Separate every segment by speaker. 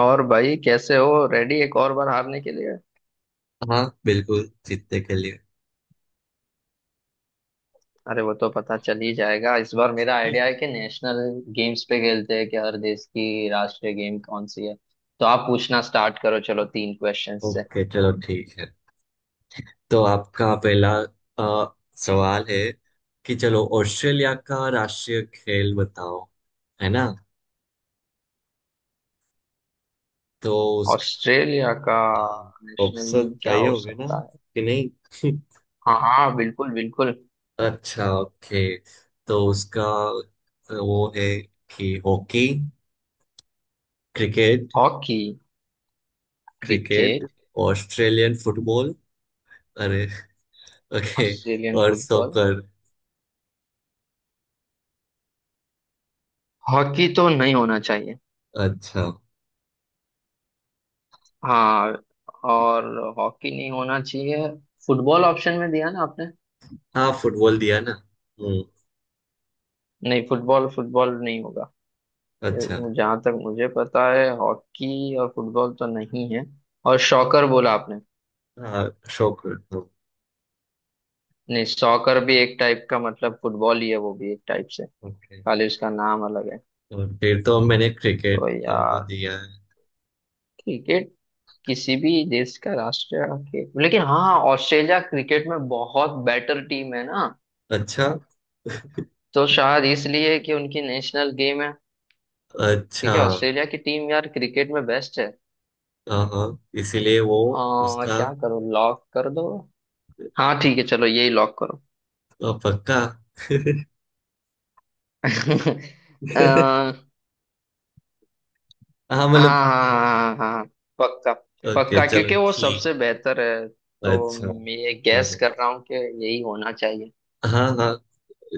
Speaker 1: और भाई कैसे हो, रेडी एक और बार हारने के लिए।
Speaker 2: हाँ बिल्कुल जीतने के लिए।
Speaker 1: अरे वो तो पता चल ही जाएगा। इस बार मेरा आइडिया है कि नेशनल गेम्स पे खेलते हैं, कि हर देश की राष्ट्रीय गेम कौन सी है। तो आप पूछना स्टार्ट करो, चलो 3 क्वेश्चन से।
Speaker 2: ओके, चलो ठीक है। तो आपका पहला अ, सवाल है कि चलो ऑस्ट्रेलिया का राष्ट्रीय खेल बताओ, है ना। तो उसका
Speaker 1: ऑस्ट्रेलिया का नेशनल
Speaker 2: ऑप्शन
Speaker 1: गेम क्या
Speaker 2: चाहिए
Speaker 1: हो
Speaker 2: होंगे ना
Speaker 1: सकता है।
Speaker 2: कि नहीं?
Speaker 1: हाँ हाँ, बिल्कुल बिल्कुल।
Speaker 2: अच्छा ओके। तो उसका वो है कि hockey, cricket,
Speaker 1: hockey,
Speaker 2: cricket,
Speaker 1: cricket,
Speaker 2: Australian football, अरे ओके
Speaker 1: ऑस्ट्रेलियन
Speaker 2: और
Speaker 1: फुटबॉल।
Speaker 2: सॉकर।
Speaker 1: हॉकी तो नहीं होना चाहिए।
Speaker 2: अच्छा,
Speaker 1: हाँ, और हॉकी नहीं होना चाहिए। फुटबॉल ऑप्शन में दिया ना आपने।
Speaker 2: हाँ फुटबॉल दिया ना। हम्म।
Speaker 1: नहीं, फुटबॉल फुटबॉल नहीं होगा।
Speaker 2: अच्छा,
Speaker 1: जहाँ तक मुझे पता है, हॉकी और फुटबॉल तो नहीं है। और शॉकर बोला आपने।
Speaker 2: हाँ शौक।
Speaker 1: नहीं, सॉकर भी एक टाइप का मतलब फुटबॉल ही है, वो भी एक टाइप से।
Speaker 2: ओके
Speaker 1: खाली उसका नाम अलग है।
Speaker 2: और फिर तो मैंने
Speaker 1: तो
Speaker 2: क्रिकेट वो
Speaker 1: यार
Speaker 2: दिया है।
Speaker 1: क्रिकेट किसी भी देश का राष्ट्रीय खेल, लेकिन हाँ, ऑस्ट्रेलिया क्रिकेट में बहुत बेटर टीम है ना।
Speaker 2: अच्छा।
Speaker 1: तो शायद इसलिए कि उनकी नेशनल गेम है,
Speaker 2: अच्छा।
Speaker 1: क्योंकि ऑस्ट्रेलिया की टीम यार क्रिकेट में बेस्ट है।
Speaker 2: हाँ हाँ, इसीलिए वो उसका
Speaker 1: क्या करो, लॉक कर दो। हाँ ठीक है, चलो यही लॉक करो।
Speaker 2: पक्का।
Speaker 1: हाँ,
Speaker 2: हाँ मतलब।
Speaker 1: हाँ हाँ हाँ, पक्का।
Speaker 2: ओके
Speaker 1: पक्का,
Speaker 2: चलो
Speaker 1: क्योंकि वो
Speaker 2: ठीक।
Speaker 1: सबसे बेहतर है। तो
Speaker 2: अच्छा।
Speaker 1: मैं ये गैस
Speaker 2: हाँ
Speaker 1: कर रहा हूँ कि यही होना चाहिए।
Speaker 2: हाँ हाँ हाँ।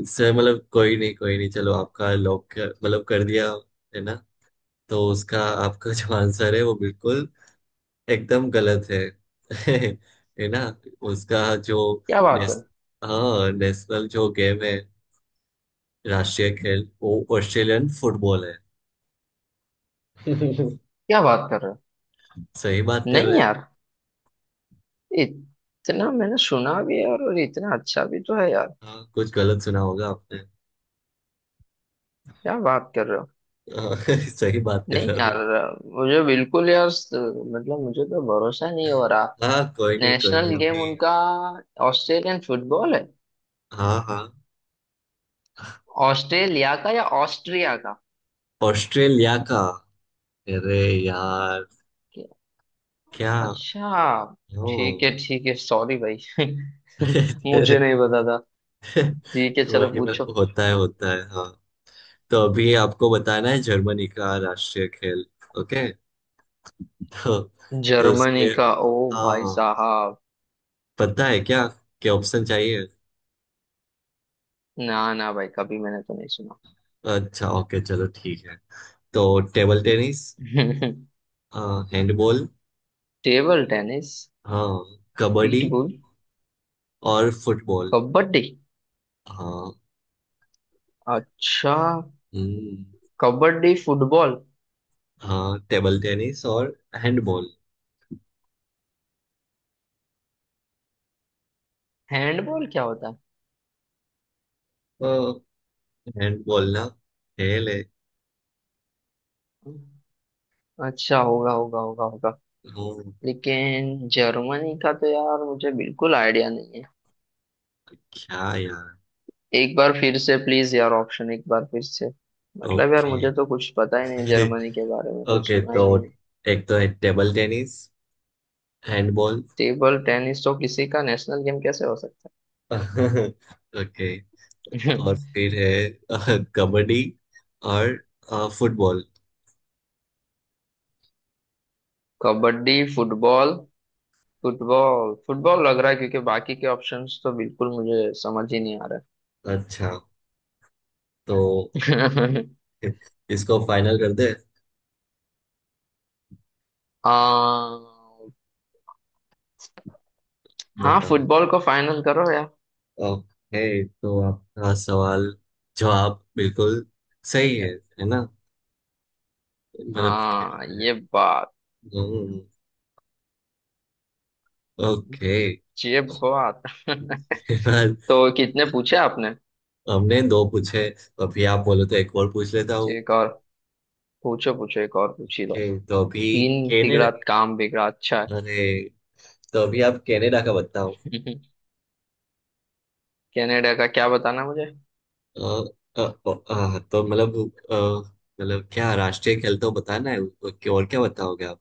Speaker 2: इससे मतलब कोई नहीं कोई नहीं, चलो आपका लॉक मतलब कर दिया, है ना। तो उसका, आपका जो आंसर है वो बिल्कुल एकदम गलत है। है ना। उसका जो
Speaker 1: क्या बात है।
Speaker 2: नेस, हाँ नेशनल जो गेम है, राष्ट्रीय खेल, वो ऑस्ट्रेलियन फुटबॉल है।
Speaker 1: क्या बात कर रहे हो।
Speaker 2: सही बात कर रहे
Speaker 1: नहीं
Speaker 2: हैं।
Speaker 1: यार, इतना मैंने सुना भी है और इतना अच्छा भी तो है यार।
Speaker 2: हाँ कुछ गलत सुना होगा आपने।
Speaker 1: क्या बात कर रहे हो।
Speaker 2: हाँ, सही बात कर
Speaker 1: नहीं
Speaker 2: रहा
Speaker 1: यार,
Speaker 2: हूँ।
Speaker 1: मुझे बिल्कुल यार मतलब मुझे तो भरोसा नहीं हो रहा।
Speaker 2: हाँ कोई
Speaker 1: नेशनल
Speaker 2: नहीं
Speaker 1: गेम
Speaker 2: अभी।
Speaker 1: उनका ऑस्ट्रेलियन फुटबॉल है।
Speaker 2: हाँ हाँ।
Speaker 1: ऑस्ट्रेलिया का या ऑस्ट्रिया का।
Speaker 2: ऑस्ट्रेलिया का। अरे यार क्या,
Speaker 1: अच्छा
Speaker 2: ओ।
Speaker 1: ठीक है ठीक है, सॉरी भाई।
Speaker 2: कोई
Speaker 1: मुझे नहीं पता था। ठीक है चलो
Speaker 2: नहीं,
Speaker 1: पूछो।
Speaker 2: मतलब होता है होता है। हाँ, तो अभी आपको बताना है जर्मनी का राष्ट्रीय खेल। ओके। तो तो उसके,
Speaker 1: जर्मनी का। ओ भाई
Speaker 2: हाँ
Speaker 1: साहब,
Speaker 2: पता है क्या, क्या ऑप्शन चाहिए।
Speaker 1: ना ना भाई, कभी मैंने तो नहीं सुना।
Speaker 2: अच्छा ओके चलो ठीक है। तो table tennis, handball,
Speaker 1: table tennis.
Speaker 2: हाँ कबड्डी
Speaker 1: पीटबुल।
Speaker 2: और फुटबॉल।
Speaker 1: कबड्डी।
Speaker 2: हाँ।
Speaker 1: अच्छा।
Speaker 2: हम्म।
Speaker 1: कबड्डी, फुटबॉल।
Speaker 2: हाँ टेबल टेनिस और हैंडबॉल।
Speaker 1: हैंडबॉल क्या होता
Speaker 2: हैंडबॉल ना खेल है।
Speaker 1: है। अच्छा, होगा होगा होगा होगा।
Speaker 2: हम्म।
Speaker 1: लेकिन जर्मनी का तो यार मुझे बिल्कुल आइडिया नहीं है।
Speaker 2: क्या यार।
Speaker 1: एक बार फिर से प्लीज यार, ऑप्शन एक बार फिर से। मतलब यार,
Speaker 2: ओके।
Speaker 1: मुझे तो कुछ पता ही नहीं जर्मनी के बारे में, कुछ
Speaker 2: ओके
Speaker 1: सुना ही
Speaker 2: तो
Speaker 1: नहीं।
Speaker 2: एक तो है table tennis, handball.
Speaker 1: Table tennis तो किसी का नेशनल गेम कैसे हो सकता
Speaker 2: ओके
Speaker 1: है।
Speaker 2: और फिर है कबड्डी और football.
Speaker 1: Kabaddi, football. Football football लग रहा है, क्योंकि बाकी के ऑप्शंस तो बिल्कुल मुझे समझ ही नहीं आ रहा
Speaker 2: अच्छा तो
Speaker 1: है।
Speaker 2: इसको फाइनल कर दे।
Speaker 1: आ, हाँ
Speaker 2: बताओ।
Speaker 1: फुटबॉल को फाइनल करो यार।
Speaker 2: ओके तो आपका सवाल, जवाब बिल्कुल सही है
Speaker 1: ज-
Speaker 2: है ना। मतलब खेल
Speaker 1: हाँ
Speaker 2: है।
Speaker 1: ये बात।
Speaker 2: हम्म। ओके।
Speaker 1: ये बात।
Speaker 2: फिलहाल
Speaker 1: तो कितने पूछे आपने।
Speaker 2: हमने दो पूछे, अभी आप बोलो तो एक और पूछ लेता हूँ।
Speaker 1: एक और। पूछो पूछो, एक और पूछ ही लो।
Speaker 2: ओके तो अभी
Speaker 1: तीन
Speaker 2: कनाडा,
Speaker 1: तिगड़ा काम बिगड़ा, अच्छा है।
Speaker 2: अरे तो अभी आप कनाडा का बताओ।
Speaker 1: कनाडा का क्या बताना मुझे।
Speaker 2: अ, तो मतलब अ, मतलब क्या, राष्ट्रीय खेल तो बताना है उसको, कि और क्या बताओगे आप।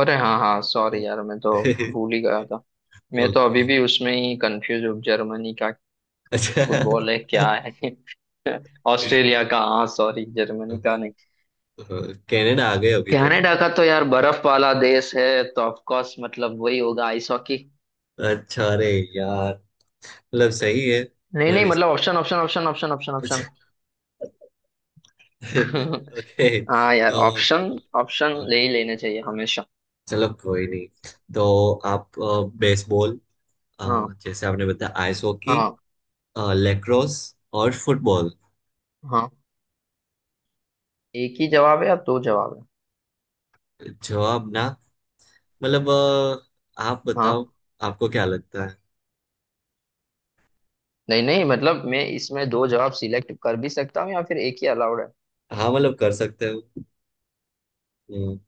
Speaker 1: अरे हाँ हाँ, सॉरी यार, मैं तो भूल ही गया था। मैं तो
Speaker 2: ओके।
Speaker 1: अभी भी उसमें ही कंफ्यूज हूँ, जर्मनी का
Speaker 2: अच्छा।
Speaker 1: फुटबॉल है क्या है। ऑस्ट्रेलिया का, हाँ सॉरी जर्मनी का नहीं।
Speaker 2: कनाडा आ गए अभी तो।
Speaker 1: कनाडा का तो यार बर्फ वाला देश है, तो ऑफ कोर्स मतलब वही होगा, आइस हॉकी।
Speaker 2: अच्छा अरे यार, मतलब सही है
Speaker 1: नहीं नहीं,
Speaker 2: मेरी।
Speaker 1: मतलब option option option option option option.
Speaker 2: Okay.
Speaker 1: हाँ यार,
Speaker 2: तो
Speaker 1: ऑप्शन ऑप्शन ले ही लेने चाहिए हमेशा।
Speaker 2: चलो कोई नहीं। तो आप बेसबॉल, अ,
Speaker 1: हाँ
Speaker 2: जैसे आपने बताया आइस हॉकी,
Speaker 1: हाँ
Speaker 2: लेक्रोस और फुटबॉल।
Speaker 1: हाँ। एक ही जवाब है या दो जवाब है।
Speaker 2: जवाब ना, मतलब आप
Speaker 1: हाँ,
Speaker 2: बताओ, आपको क्या लगता है।
Speaker 1: नहीं नहीं, मतलब मैं इसमें दो जवाब सिलेक्ट कर भी सकता हूँ या फिर एक ही अलाउड है।
Speaker 2: हाँ मतलब कर सकते हो। हम्म।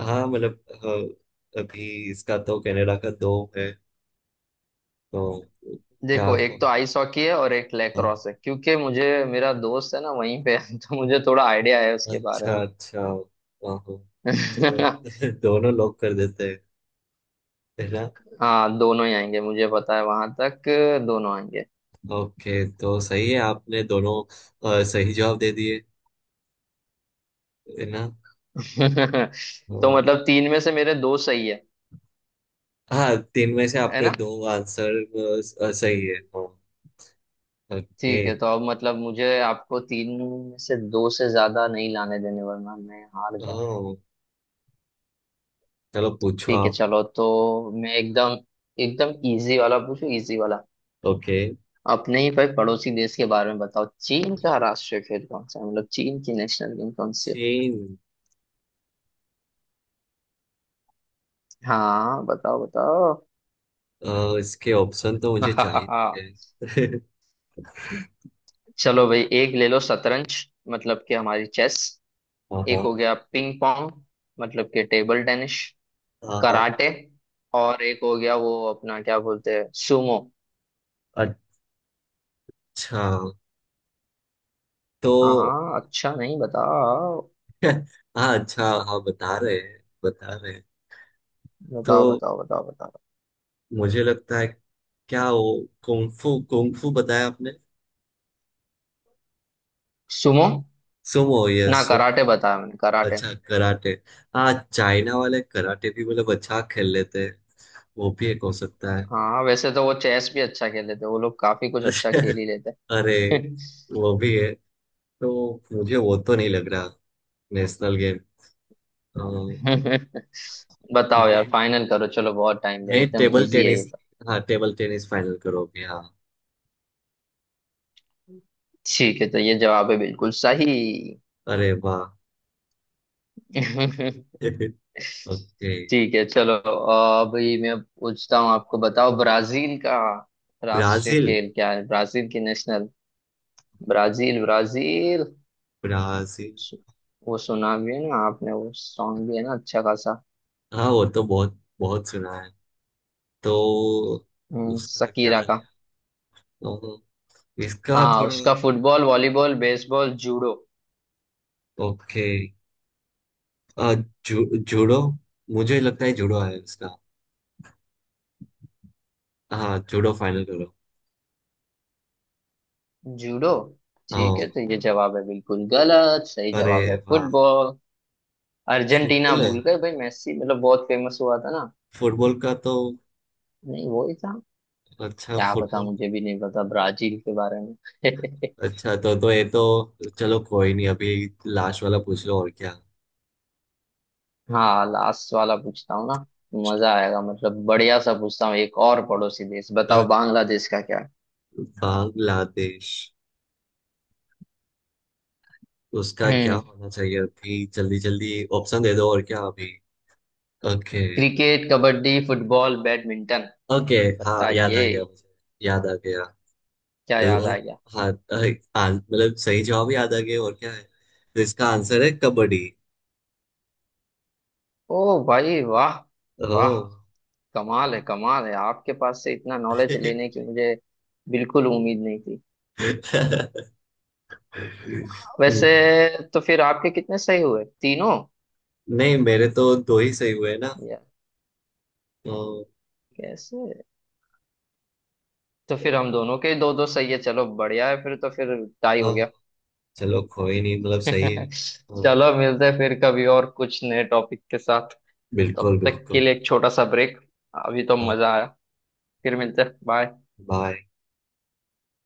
Speaker 2: हाँ मतलब अभी इसका तो कनाडा का दो है। तो क्या
Speaker 1: देखो, एक तो
Speaker 2: कौन।
Speaker 1: आइस हॉकी है और एक
Speaker 2: हाँ,
Speaker 1: लैक्रोस है, क्योंकि मुझे मेरा दोस्त है ना वहीं पे है, तो मुझे थोड़ा आइडिया है उसके बारे
Speaker 2: अच्छा
Speaker 1: में।
Speaker 2: अच्छा। वाह तो दो, दोनों लोग कर देते हैं, है ना।
Speaker 1: हाँ दोनों ही आएंगे, मुझे पता है वहां तक। दोनों आएंगे।
Speaker 2: ओके तो सही है आपने दोनों, सही जवाब दे दिए, है ना।
Speaker 1: तो
Speaker 2: हाँ।
Speaker 1: मतलब 3 में से मेरे 2 सही है
Speaker 2: हाँ, तीन में से
Speaker 1: है
Speaker 2: आपके
Speaker 1: ना।
Speaker 2: दो आंसर सही है। हाँ ओके।
Speaker 1: ठीक है, तो अब मतलब मुझे आपको 3 में से 2 से ज्यादा नहीं लाने देने, वरना मैं हार जाऊंगा।
Speaker 2: हाँ चलो पूछो
Speaker 1: ठीक है
Speaker 2: आप।
Speaker 1: चलो, तो मैं एकदम एकदम इजी वाला पूछूं, इजी वाला।
Speaker 2: ओके।
Speaker 1: अपने ही भाई पड़ोसी देश के बारे में बताओ, चीन का राष्ट्रीय खेल कौन सा है, मतलब चीन की नेशनल गेम कौन सी है।
Speaker 2: चीन।
Speaker 1: हाँ बताओ बताओ।
Speaker 2: इसके ऑप्शन तो मुझे चाहिए थे।
Speaker 1: चलो भाई, एक ले लो शतरंज, मतलब कि हमारी चेस।
Speaker 2: हाँ
Speaker 1: एक हो
Speaker 2: हाँ
Speaker 1: गया पिंग पोंग, मतलब कि टेबल टेनिस।
Speaker 2: हाँ हाँ।
Speaker 1: कराटे। और एक हो गया वो अपना क्या बोलते हैं, सुमो।
Speaker 2: अच्छा तो,
Speaker 1: हाँ हाँ, अच्छा नहीं, बताओ।
Speaker 2: हाँ अच्छा हाँ बता रहे हैं बता रहे हैं। तो
Speaker 1: बताओ बताओ बताओ। बताओ
Speaker 2: मुझे लगता है, क्या वो कुंफू, कुंफू बताया आपने?
Speaker 1: सुमो,
Speaker 2: सुमो, ये
Speaker 1: ना
Speaker 2: सुम।
Speaker 1: कराटे बताया मैंने, कराटे।
Speaker 2: अच्छा कराटे। हाँ चाइना वाले कराटे भी मतलब अच्छा खेल लेते हैं, वो भी एक हो सकता है।
Speaker 1: हाँ वैसे तो वो चेस भी अच्छा खेले थे, वो लोग काफी कुछ अच्छा खेल ही लेते
Speaker 2: अरे
Speaker 1: हैं।
Speaker 2: वो भी है। तो मुझे वो तो नहीं लग रहा नेशनल गेम।
Speaker 1: बताओ यार,
Speaker 2: मैं
Speaker 1: फाइनल करो, चलो बहुत टाइम लिया,
Speaker 2: मैं
Speaker 1: एकदम
Speaker 2: टेबल
Speaker 1: इजी है ये
Speaker 2: टेनिस।
Speaker 1: तो।
Speaker 2: हाँ टेबल टेनिस फाइनल करोगे। हाँ
Speaker 1: ठीक है तो ये जवाब है बिल्कुल सही।
Speaker 2: अरे वाह। ओके।
Speaker 1: ठीक है चलो, अभी मैं पूछता हूँ आपको, बताओ ब्राजील का राष्ट्रीय
Speaker 2: ब्राजील,
Speaker 1: खेल क्या है, ब्राजील की नेशनल। Brazil Brazil.
Speaker 2: ब्राजील।
Speaker 1: वो सुना भी है ना आपने, वो सॉन्ग भी है ना अच्छा खासा।
Speaker 2: हाँ वो तो बहुत बहुत सुना है। तो उसका क्या,
Speaker 1: शकीरा।
Speaker 2: तो इसका
Speaker 1: हाँ
Speaker 2: थोड़ा।
Speaker 1: उसका football, volleyball, baseball, judo.
Speaker 2: Okay. आ, जूडो। मुझे लगता है जूडो है इसका। हाँ जूडो फाइनल करो।
Speaker 1: जूडो। ठीक
Speaker 2: हाँ
Speaker 1: है तो ये जवाब है बिल्कुल गलत, सही
Speaker 2: अरे
Speaker 1: जवाब है
Speaker 2: वाह।
Speaker 1: फुटबॉल। अर्जेंटीना
Speaker 2: फुटबॉल है?
Speaker 1: भूल गए भाई, मेसी मतलब बहुत फेमस हुआ था ना।
Speaker 2: फुटबॉल का तो।
Speaker 1: नहीं वो ही था।
Speaker 2: अच्छा
Speaker 1: क्या पता,
Speaker 2: फुटबॉल।
Speaker 1: मुझे भी नहीं पता ब्राजील के बारे में।
Speaker 2: अच्छा तो ये तो, चलो कोई नहीं अभी, लास्ट वाला पूछ लो और क्या।
Speaker 1: हाँ लास्ट वाला पूछता हूँ ना। मजा आएगा, मतलब बढ़िया सा पूछता हूँ, एक और पड़ोसी देश बताओ,
Speaker 2: Okay.
Speaker 1: बांग्लादेश का क्या है?
Speaker 2: बांग्लादेश, उसका क्या
Speaker 1: हम्म।
Speaker 2: होना चाहिए, अभी जल्दी जल्दी ऑप्शन दे दो और क्या अभी। Okay.
Speaker 1: Cricket, kabaddi, football, badminton.
Speaker 2: Okay. हाँ याद आ
Speaker 1: बताइए।
Speaker 2: गया मुझे, याद आ गया।
Speaker 1: क्या याद
Speaker 2: और
Speaker 1: आ गया।
Speaker 2: हाँ मतलब सही जवाब याद आ गया और क्या है। तो इसका आंसर है कबड्डी।
Speaker 1: ओ भाई वाह। वाह,
Speaker 2: ओह।
Speaker 1: कमाल है, कमाल है, आपके पास से इतना नॉलेज लेने की मुझे बिल्कुल उम्मीद नहीं थी वैसे।
Speaker 2: हम्म।
Speaker 1: तो फिर आपके कितने सही हुए, तीनों
Speaker 2: नहीं मेरे तो दो ही सही हुए ना।
Speaker 1: या?
Speaker 2: तो,
Speaker 1: कैसे। तो फिर हम दोनों के 2-2 सही है, चलो बढ़िया है, फिर तो फिर टाई हो
Speaker 2: हाँ
Speaker 1: गया।
Speaker 2: चलो कोई नहीं मतलब सही है। हाँ,
Speaker 1: चलो मिलते हैं फिर कभी और कुछ नए टॉपिक के साथ। तब
Speaker 2: बिल्कुल
Speaker 1: तक के
Speaker 2: बिल्कुल।
Speaker 1: लिए एक छोटा सा ब्रेक। अभी तो
Speaker 2: हाँ।
Speaker 1: मजा आया। फिर मिलते हैं, बाय।
Speaker 2: बाय।